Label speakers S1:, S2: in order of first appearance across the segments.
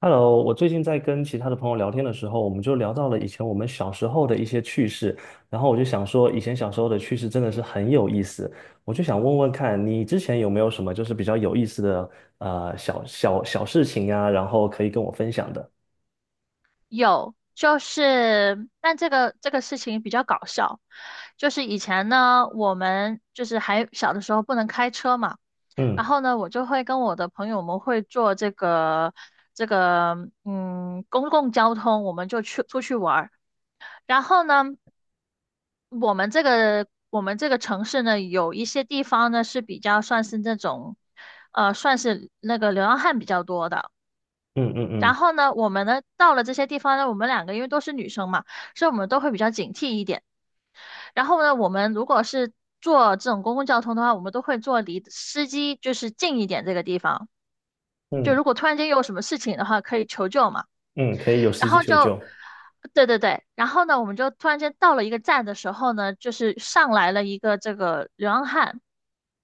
S1: Hello，我最近在跟其他的朋友聊天的时候，我们就聊到了以前我们小时候的一些趣事，然后我就想说，以前小时候的趣事真的是很有意思，我就想问问看你之前有没有什么就是比较有意思的小事情呀，然后可以跟我分享的。
S2: 有，就是，但这个事情比较搞笑。就是以前呢，我们就是还小的时候不能开车嘛。然
S1: 嗯
S2: 后呢，我就会跟我的朋友们会坐这个公共交通，我们就去出去玩儿。然后呢，我们这个城市呢，有一些地方呢是比较算是那个流浪汉比较多的。
S1: 嗯嗯
S2: 然
S1: 嗯
S2: 后呢，我们呢到了这些地方呢，我们两个因为都是女生嘛，所以我们都会比较警惕一点。然后呢，我们如果是坐这种公共交通的话，我们都会坐离司机就是近一点这个地方。就
S1: 嗯
S2: 如果突然间有什么事情的话，可以求救嘛。
S1: 嗯，可以有
S2: 然
S1: 司机
S2: 后
S1: 求
S2: 就，
S1: 救。
S2: 对对对，然后呢，我们就突然间到了一个站的时候呢，就是上来了一个这个流浪汉。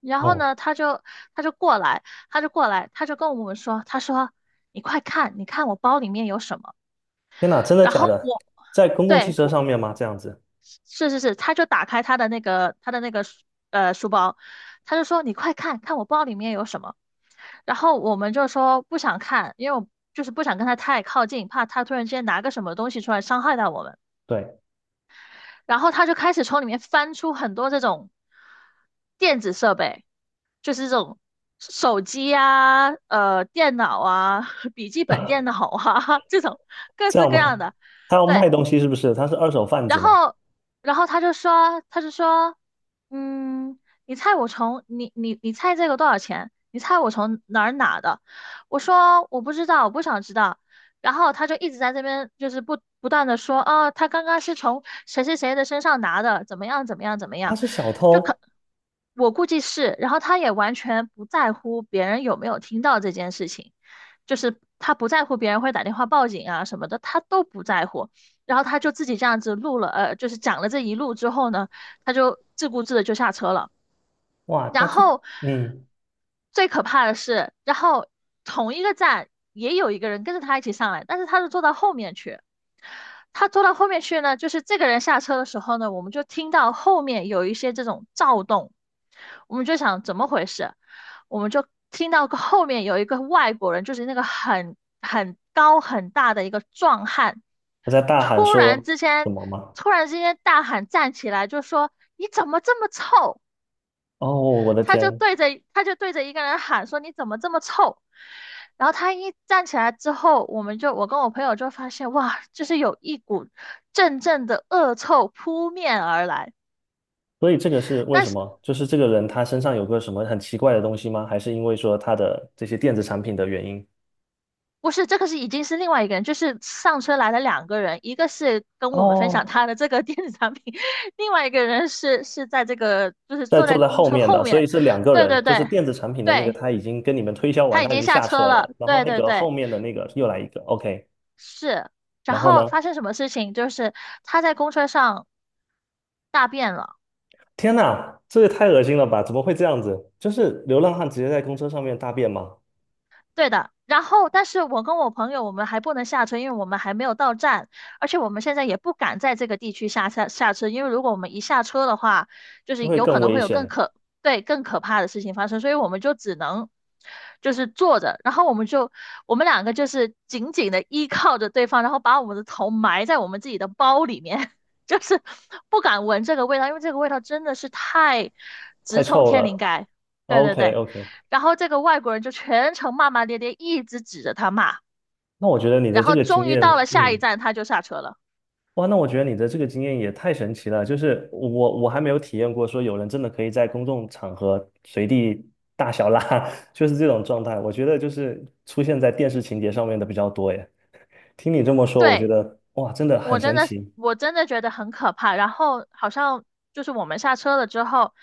S2: 然后
S1: 哦，
S2: 呢，他就过来，他就过来，他就跟我们说，他说你快看，你看我包里面有什么。
S1: 天哪，真的
S2: 然
S1: 假
S2: 后
S1: 的？
S2: 我，
S1: 在公共汽
S2: 对，
S1: 车上面吗？这样子，
S2: 是是是，他就打开他的那个书包，他就说你快看看我包里面有什么。然后我们就说不想看，因为我就是不想跟他太靠近，怕他突然之间拿个什么东西出来伤害到我们。
S1: 对，
S2: 然后他就开始从里面翻出很多这种电子设备，就是这种手机啊、电脑啊、笔记本电脑啊 这种各
S1: 这
S2: 式
S1: 样
S2: 各
S1: 吗？
S2: 样的。
S1: 他要
S2: 对，
S1: 卖东西是不是？他是二手贩子
S2: 然
S1: 吗？
S2: 后，然后他就说，嗯，你猜我从你你你猜这个多少钱？你猜我从哪儿拿的？我说我不知道，我不想知道。然后他就一直在这边就是不断的说，哦，他刚刚是从谁谁谁的身上拿的，怎么样怎么样怎么
S1: 他
S2: 样。
S1: 是小
S2: 就可
S1: 偷？
S2: 我估计是。然后他也完全不在乎别人有没有听到这件事情，就是他不在乎别人会打电话报警啊什么的，他都不在乎。然后他就自己这样子就是讲了这一路之后呢，他就自顾自的就下车了。
S1: 哇，
S2: 然后
S1: 嗯。
S2: 最可怕的是，同一个站也有一个人跟着他一起上来，但是他是坐到后面去。他坐到后面去呢，就是这个人下车的时候呢，我们就听到后面有一些这种躁动，我们就想怎么回事。我们就听到后面有一个外国人，就是那个很高很大的一个壮汉。
S1: 他在大喊
S2: 突然
S1: 说
S2: 之
S1: 什
S2: 间，
S1: 么吗？
S2: 突然之间大喊站起来，就说你怎么这么臭？
S1: 哦，我的
S2: 他就
S1: 天！
S2: 对着他就对着一个人喊说你怎么这么臭？然后他一站起来之后，我们就我跟我朋友就发现哇，就是有一股阵阵的恶臭扑面而来。
S1: 所以这个是为
S2: 但
S1: 什
S2: 是
S1: 么？就是这个人他身上有个什么很奇怪的东西吗？还是因为说他的这些电子产品的原因？
S2: 不是这个是已经是另外一个人，就是上车来了两个人，一个是跟我们分享
S1: 哦，
S2: 他的这个电子产品，另外一个人是在这个就是
S1: 在
S2: 坐
S1: 坐
S2: 在
S1: 在
S2: 公
S1: 后
S2: 车
S1: 面
S2: 后
S1: 的，所以
S2: 面。
S1: 是两个
S2: 对
S1: 人，
S2: 对
S1: 就是
S2: 对
S1: 电子产品的那个
S2: 对。
S1: 他已经跟你们推销完，
S2: 他已
S1: 他已
S2: 经
S1: 经
S2: 下
S1: 下车
S2: 车了，
S1: 了，然后
S2: 对
S1: 那
S2: 对
S1: 个
S2: 对，
S1: 后面的那个又来一个，OK，
S2: 是。然
S1: 然后
S2: 后
S1: 呢？
S2: 发生什么事情？就是他在公车上大便了。
S1: 天呐，这也太恶心了吧！怎么会这样子？就是流浪汉直接在公车上面大便吗？
S2: 对的，然后但是我跟我朋友我们还不能下车，因为我们还没有到站，而且我们现在也不敢在这个地区下车，因为如果我们一下车的话，就
S1: 就
S2: 是
S1: 会
S2: 有可
S1: 更
S2: 能
S1: 危
S2: 会有
S1: 险，
S2: 对，更可怕的事情发生。所以我们就只能就是坐着，然后我们两个就是紧紧的依靠着对方，然后把我们的头埋在我们自己的包里面。就是不敢闻这个味道，因为这个味道真的是太
S1: 太
S2: 直冲
S1: 臭
S2: 天灵
S1: 了。
S2: 盖。对对
S1: OK
S2: 对。
S1: OK，
S2: 然后这个外国人就全程骂骂咧咧，一直指着他骂。
S1: 那我觉得你
S2: 然
S1: 的这
S2: 后
S1: 个经
S2: 终于
S1: 验，
S2: 到了下一
S1: 嗯，
S2: 站，他就下车了。
S1: 哇，那我觉得你的这个经验也太神奇了。就是我还没有体验过，说有人真的可以在公众场合随地大小拉，就是这种状态。我觉得就是出现在电视情节上面的比较多耶。听你这么说，我觉
S2: 对，
S1: 得哇，真的很
S2: 我真
S1: 神
S2: 的，
S1: 奇。
S2: 我真的觉得很可怕。然后好像就是我们下车了之后，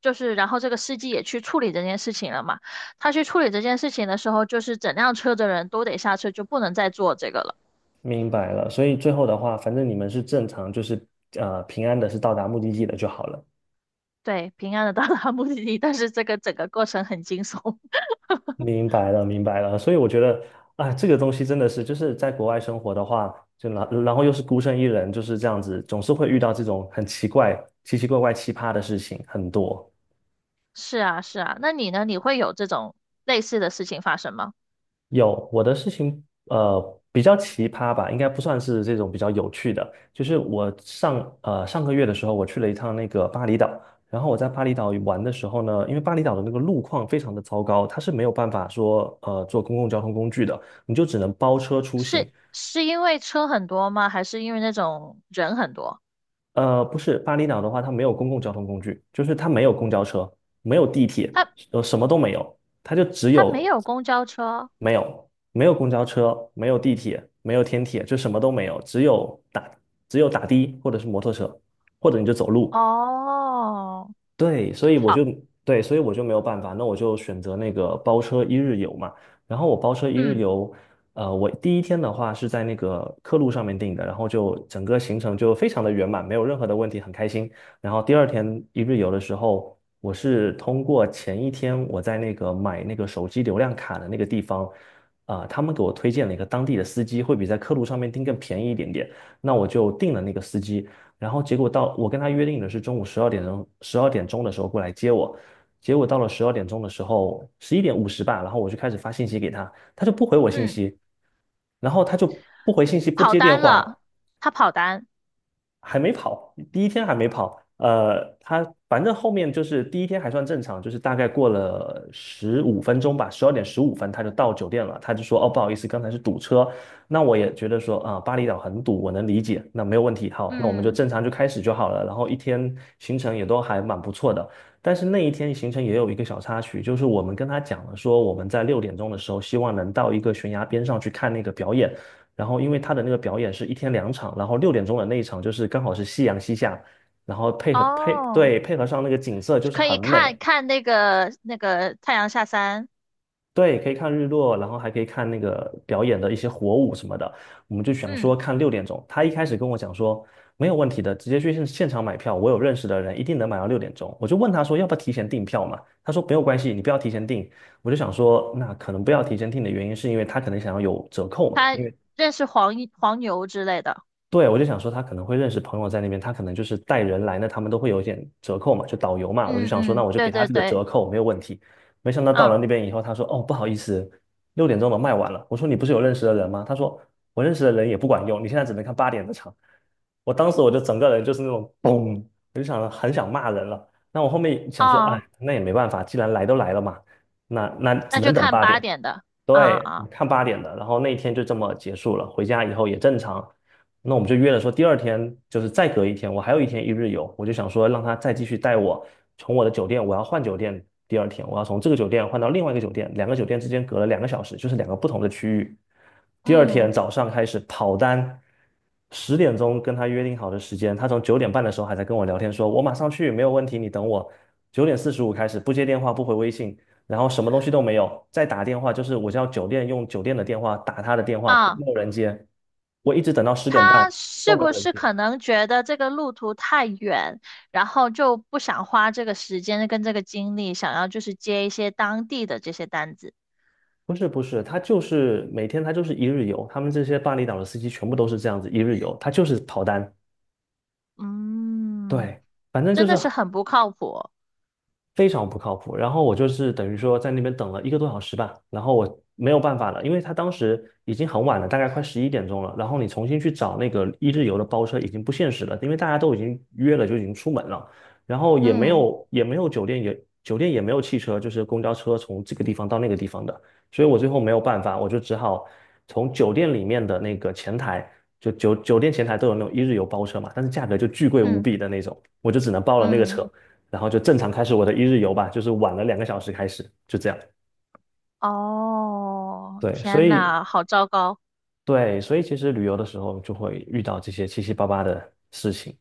S2: 就是然后这个司机也去处理这件事情了嘛。他去处理这件事情的时候，就是整辆车的人都得下车，就不能再坐这个了。
S1: 明白了，所以最后的话，反正你们是正常，就是平安的，是到达目的地的就好了。
S2: 对，平安的到达目的地，但是这个整个过程很惊悚。
S1: 明白了，明白了。所以我觉得，啊，这个东西真的是，就是在国外生活的话，就然后又是孤身一人，就是这样子，总是会遇到这种很奇怪、奇奇怪怪、奇葩的事情很多。
S2: 是啊，是啊，那你呢？你会有这种类似的事情发生吗？
S1: 有我的事情，比较奇葩吧，应该不算是这种比较有趣的。就是我上个月的时候，我去了一趟那个巴厘岛，然后我在巴厘岛玩的时候呢，因为巴厘岛的那个路况非常的糟糕，它是没有办法说坐公共交通工具的，你就只能包车出行。
S2: 是因为车很多吗？还是因为那种人很多？
S1: 不是，巴厘岛的话，它没有公共交通工具，就是它没有公交车，没有地铁，
S2: 他
S1: 什么都没有，它就只
S2: 他没
S1: 有
S2: 有公交车
S1: 没有公交车，没有地铁，没有天铁，就什么都没有，只有打的或者是摩托车，或者你就走路。
S2: 哦。
S1: 对，所以我
S2: 好。
S1: 就对，所以我就没有办法，那我就选择那个包车一日游嘛。然后我包车一日
S2: 嗯
S1: 游，我第一天的话是在那个客路上面订的，然后就整个行程就非常的圆满，没有任何的问题，很开心。然后第二天一日游的时候，我是通过前一天我在那个买那个手机流量卡的那个地方，啊、他们给我推荐了一个当地的司机，会比在客路上面订更便宜一点点。那我就订了那个司机，然后结果到我跟他约定的是中午十二点钟的时候过来接我，结果到了十二点钟的时候，11:50吧，然后我就开始发信息给他，他就不回我信
S2: 嗯。
S1: 息，然后他就不回信息，不
S2: 跑
S1: 接电
S2: 单
S1: 话，
S2: 了，他跑单。
S1: 还没跑，第一天还没跑。他反正后面就是第一天还算正常，就是大概过了15分钟吧，12点15分他就到酒店了。他就说：“哦，不好意思，刚才是堵车。”那我也觉得说啊、巴厘岛很堵，我能理解，那没有问题。好，那我们就
S2: 嗯
S1: 正常就开始就好了。然后一天行程也都还蛮不错的，但是那一天行程也有一个小插曲，就是我们跟他讲了说我们在六点钟的时候希望能到一个悬崖边上去看那个表演。然后因为他的那个表演是一天两场，然后六点钟的那一场就是刚好是夕阳西下，然后配合配
S2: 哦，
S1: 对配合上那个景色就是
S2: 可
S1: 很
S2: 以看
S1: 美，
S2: 看那个太阳下山。
S1: 对，可以看日落，然后还可以看那个表演的一些火舞什么的。我们就想说
S2: 嗯，
S1: 看六点钟，他一开始跟我讲说没有问题的，直接去现场买票，我有认识的人一定能买到六点钟。我就问他说要不要提前订票嘛，他说没有关系，你不要提前订。我就想说那可能不要提前订的原因是因为他可能想要有折扣嘛。
S2: 他
S1: 因为。
S2: 认识黄牛之类的。
S1: 对，我就想说他可能会认识朋友在那边，他可能就是带人来，那他们都会有一点折扣嘛，就导游嘛，我就
S2: 嗯
S1: 想说，那
S2: 嗯，
S1: 我就给
S2: 对
S1: 他
S2: 对
S1: 这个折
S2: 对。
S1: 扣没有问题。没想到到了
S2: 啊、
S1: 那边以后，他说：“哦，不好意思，六点钟都卖完了。”我说：“你不是有认识的人吗？”他说：“我认识的人也不管用，你现在只能看八点的场。”我当时我就整个人就是那种嘣，我就想着很想骂人了。那我后面想说，哎，
S2: 啊，
S1: 那也没办法，既然来都来了嘛，那只
S2: 那
S1: 能
S2: 就
S1: 等
S2: 看
S1: 八
S2: 八
S1: 点。
S2: 点的。啊
S1: 对，我
S2: 啊，
S1: 看八点的，然后那一天就这么结束了。回家以后也正常，那我们就约了说第二天就是再隔一天，我还有一天一日游，我就想说让他再继续带我从我的酒店，我要换酒店，第二天我要从这个酒店换到另外一个酒店，两个酒店之间隔了两个小时，就是两个不同的区域。第二天
S2: 嗯
S1: 早上开始跑单，10点跟他约定好的时间，他从九点半的时候还在跟我聊天说，我马上去，没有问题，你等我。九点四十五开始不接电话不回微信，然后什么东西都没有，再打电话就是我叫酒店用酒店的电话打他的电话都
S2: 啊。
S1: 没有人接，我一直等到10点半
S2: 他
S1: 都
S2: 是
S1: 没有
S2: 不
S1: 人
S2: 是
S1: 接。
S2: 可能觉得这个路途太远，然后就不想花这个时间跟这个精力，想要就是接一些当地的这些单子？
S1: 不是不是，他就是每天他就是一日游，他们这些巴厘岛的司机全部都是这样子一日游，他就是跑单。
S2: 嗯，
S1: 对，反正就
S2: 真的
S1: 是
S2: 是很不靠谱。
S1: 非常不靠谱。然后我就是等于说在那边等了一个多小时吧，然后我没有办法了，因为他当时已经很晚了，大概快11点了。然后你重新去找那个一日游的包车已经不现实了，因为大家都已经约了，就已经出门了，然后也没
S2: 嗯
S1: 有也没有酒店也。酒店也没有汽车，就是公交车从这个地方到那个地方的，所以我最后没有办法，我就只好从酒店里面的那个前台，就酒店前台都有那种一日游包车嘛，但是价格就巨贵无
S2: 嗯
S1: 比的那种，我就只能包了那个
S2: 嗯，
S1: 车。然后就正常开始我的一日游吧，就是晚了两个小时开始，就这样。
S2: 哦，
S1: 对，所
S2: 天
S1: 以
S2: 呐，好糟糕。
S1: 对，所以其实旅游的时候就会遇到这些七七八八的事情。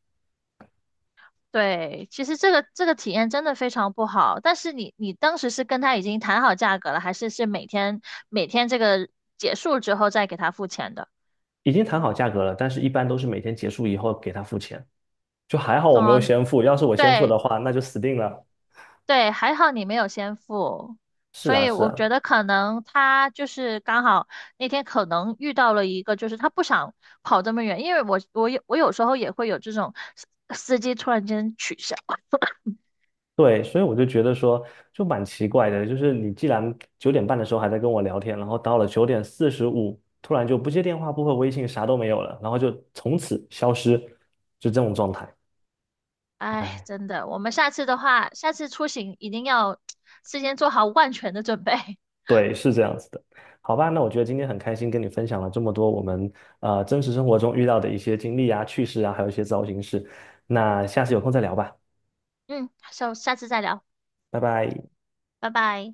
S2: 对，其实这个体验真的非常不好。但是你当时是跟他已经谈好价格了，还是每天这个结束之后再给他付钱的？
S1: 已经谈好价格了，但是一般都是每天结束以后给他付钱，就还好我没有
S2: 嗯，
S1: 先付，要是我先付的
S2: 对，
S1: 话，那就死定了。
S2: 对，还好你没有先付。
S1: 是
S2: 所
S1: 啊，
S2: 以
S1: 是
S2: 我
S1: 啊，
S2: 觉得可能他就是刚好那天可能遇到了一个，就是他不想跑这么远，因为我有时候也会有这种司机突然间取消。
S1: 对，所以我就觉得说，就蛮奇怪的，就是你既然九点半的时候还在跟我聊天，然后到了九点四十五，突然就不接电话、不回微信，啥都没有了，然后就从此消失，就这种状态。
S2: 哎，
S1: 哎，
S2: 真的，我们下次的话，下次出行一定要 事先做好万全的准备。
S1: 对，是这样子的。好吧，那我觉得今天很开心跟你分享了这么多我们真实生活中遇到的一些经历啊、趣事啊，还有一些糟心事。那下次有空再聊吧，
S2: 嗯，下次再聊，
S1: 拜拜。
S2: 拜拜。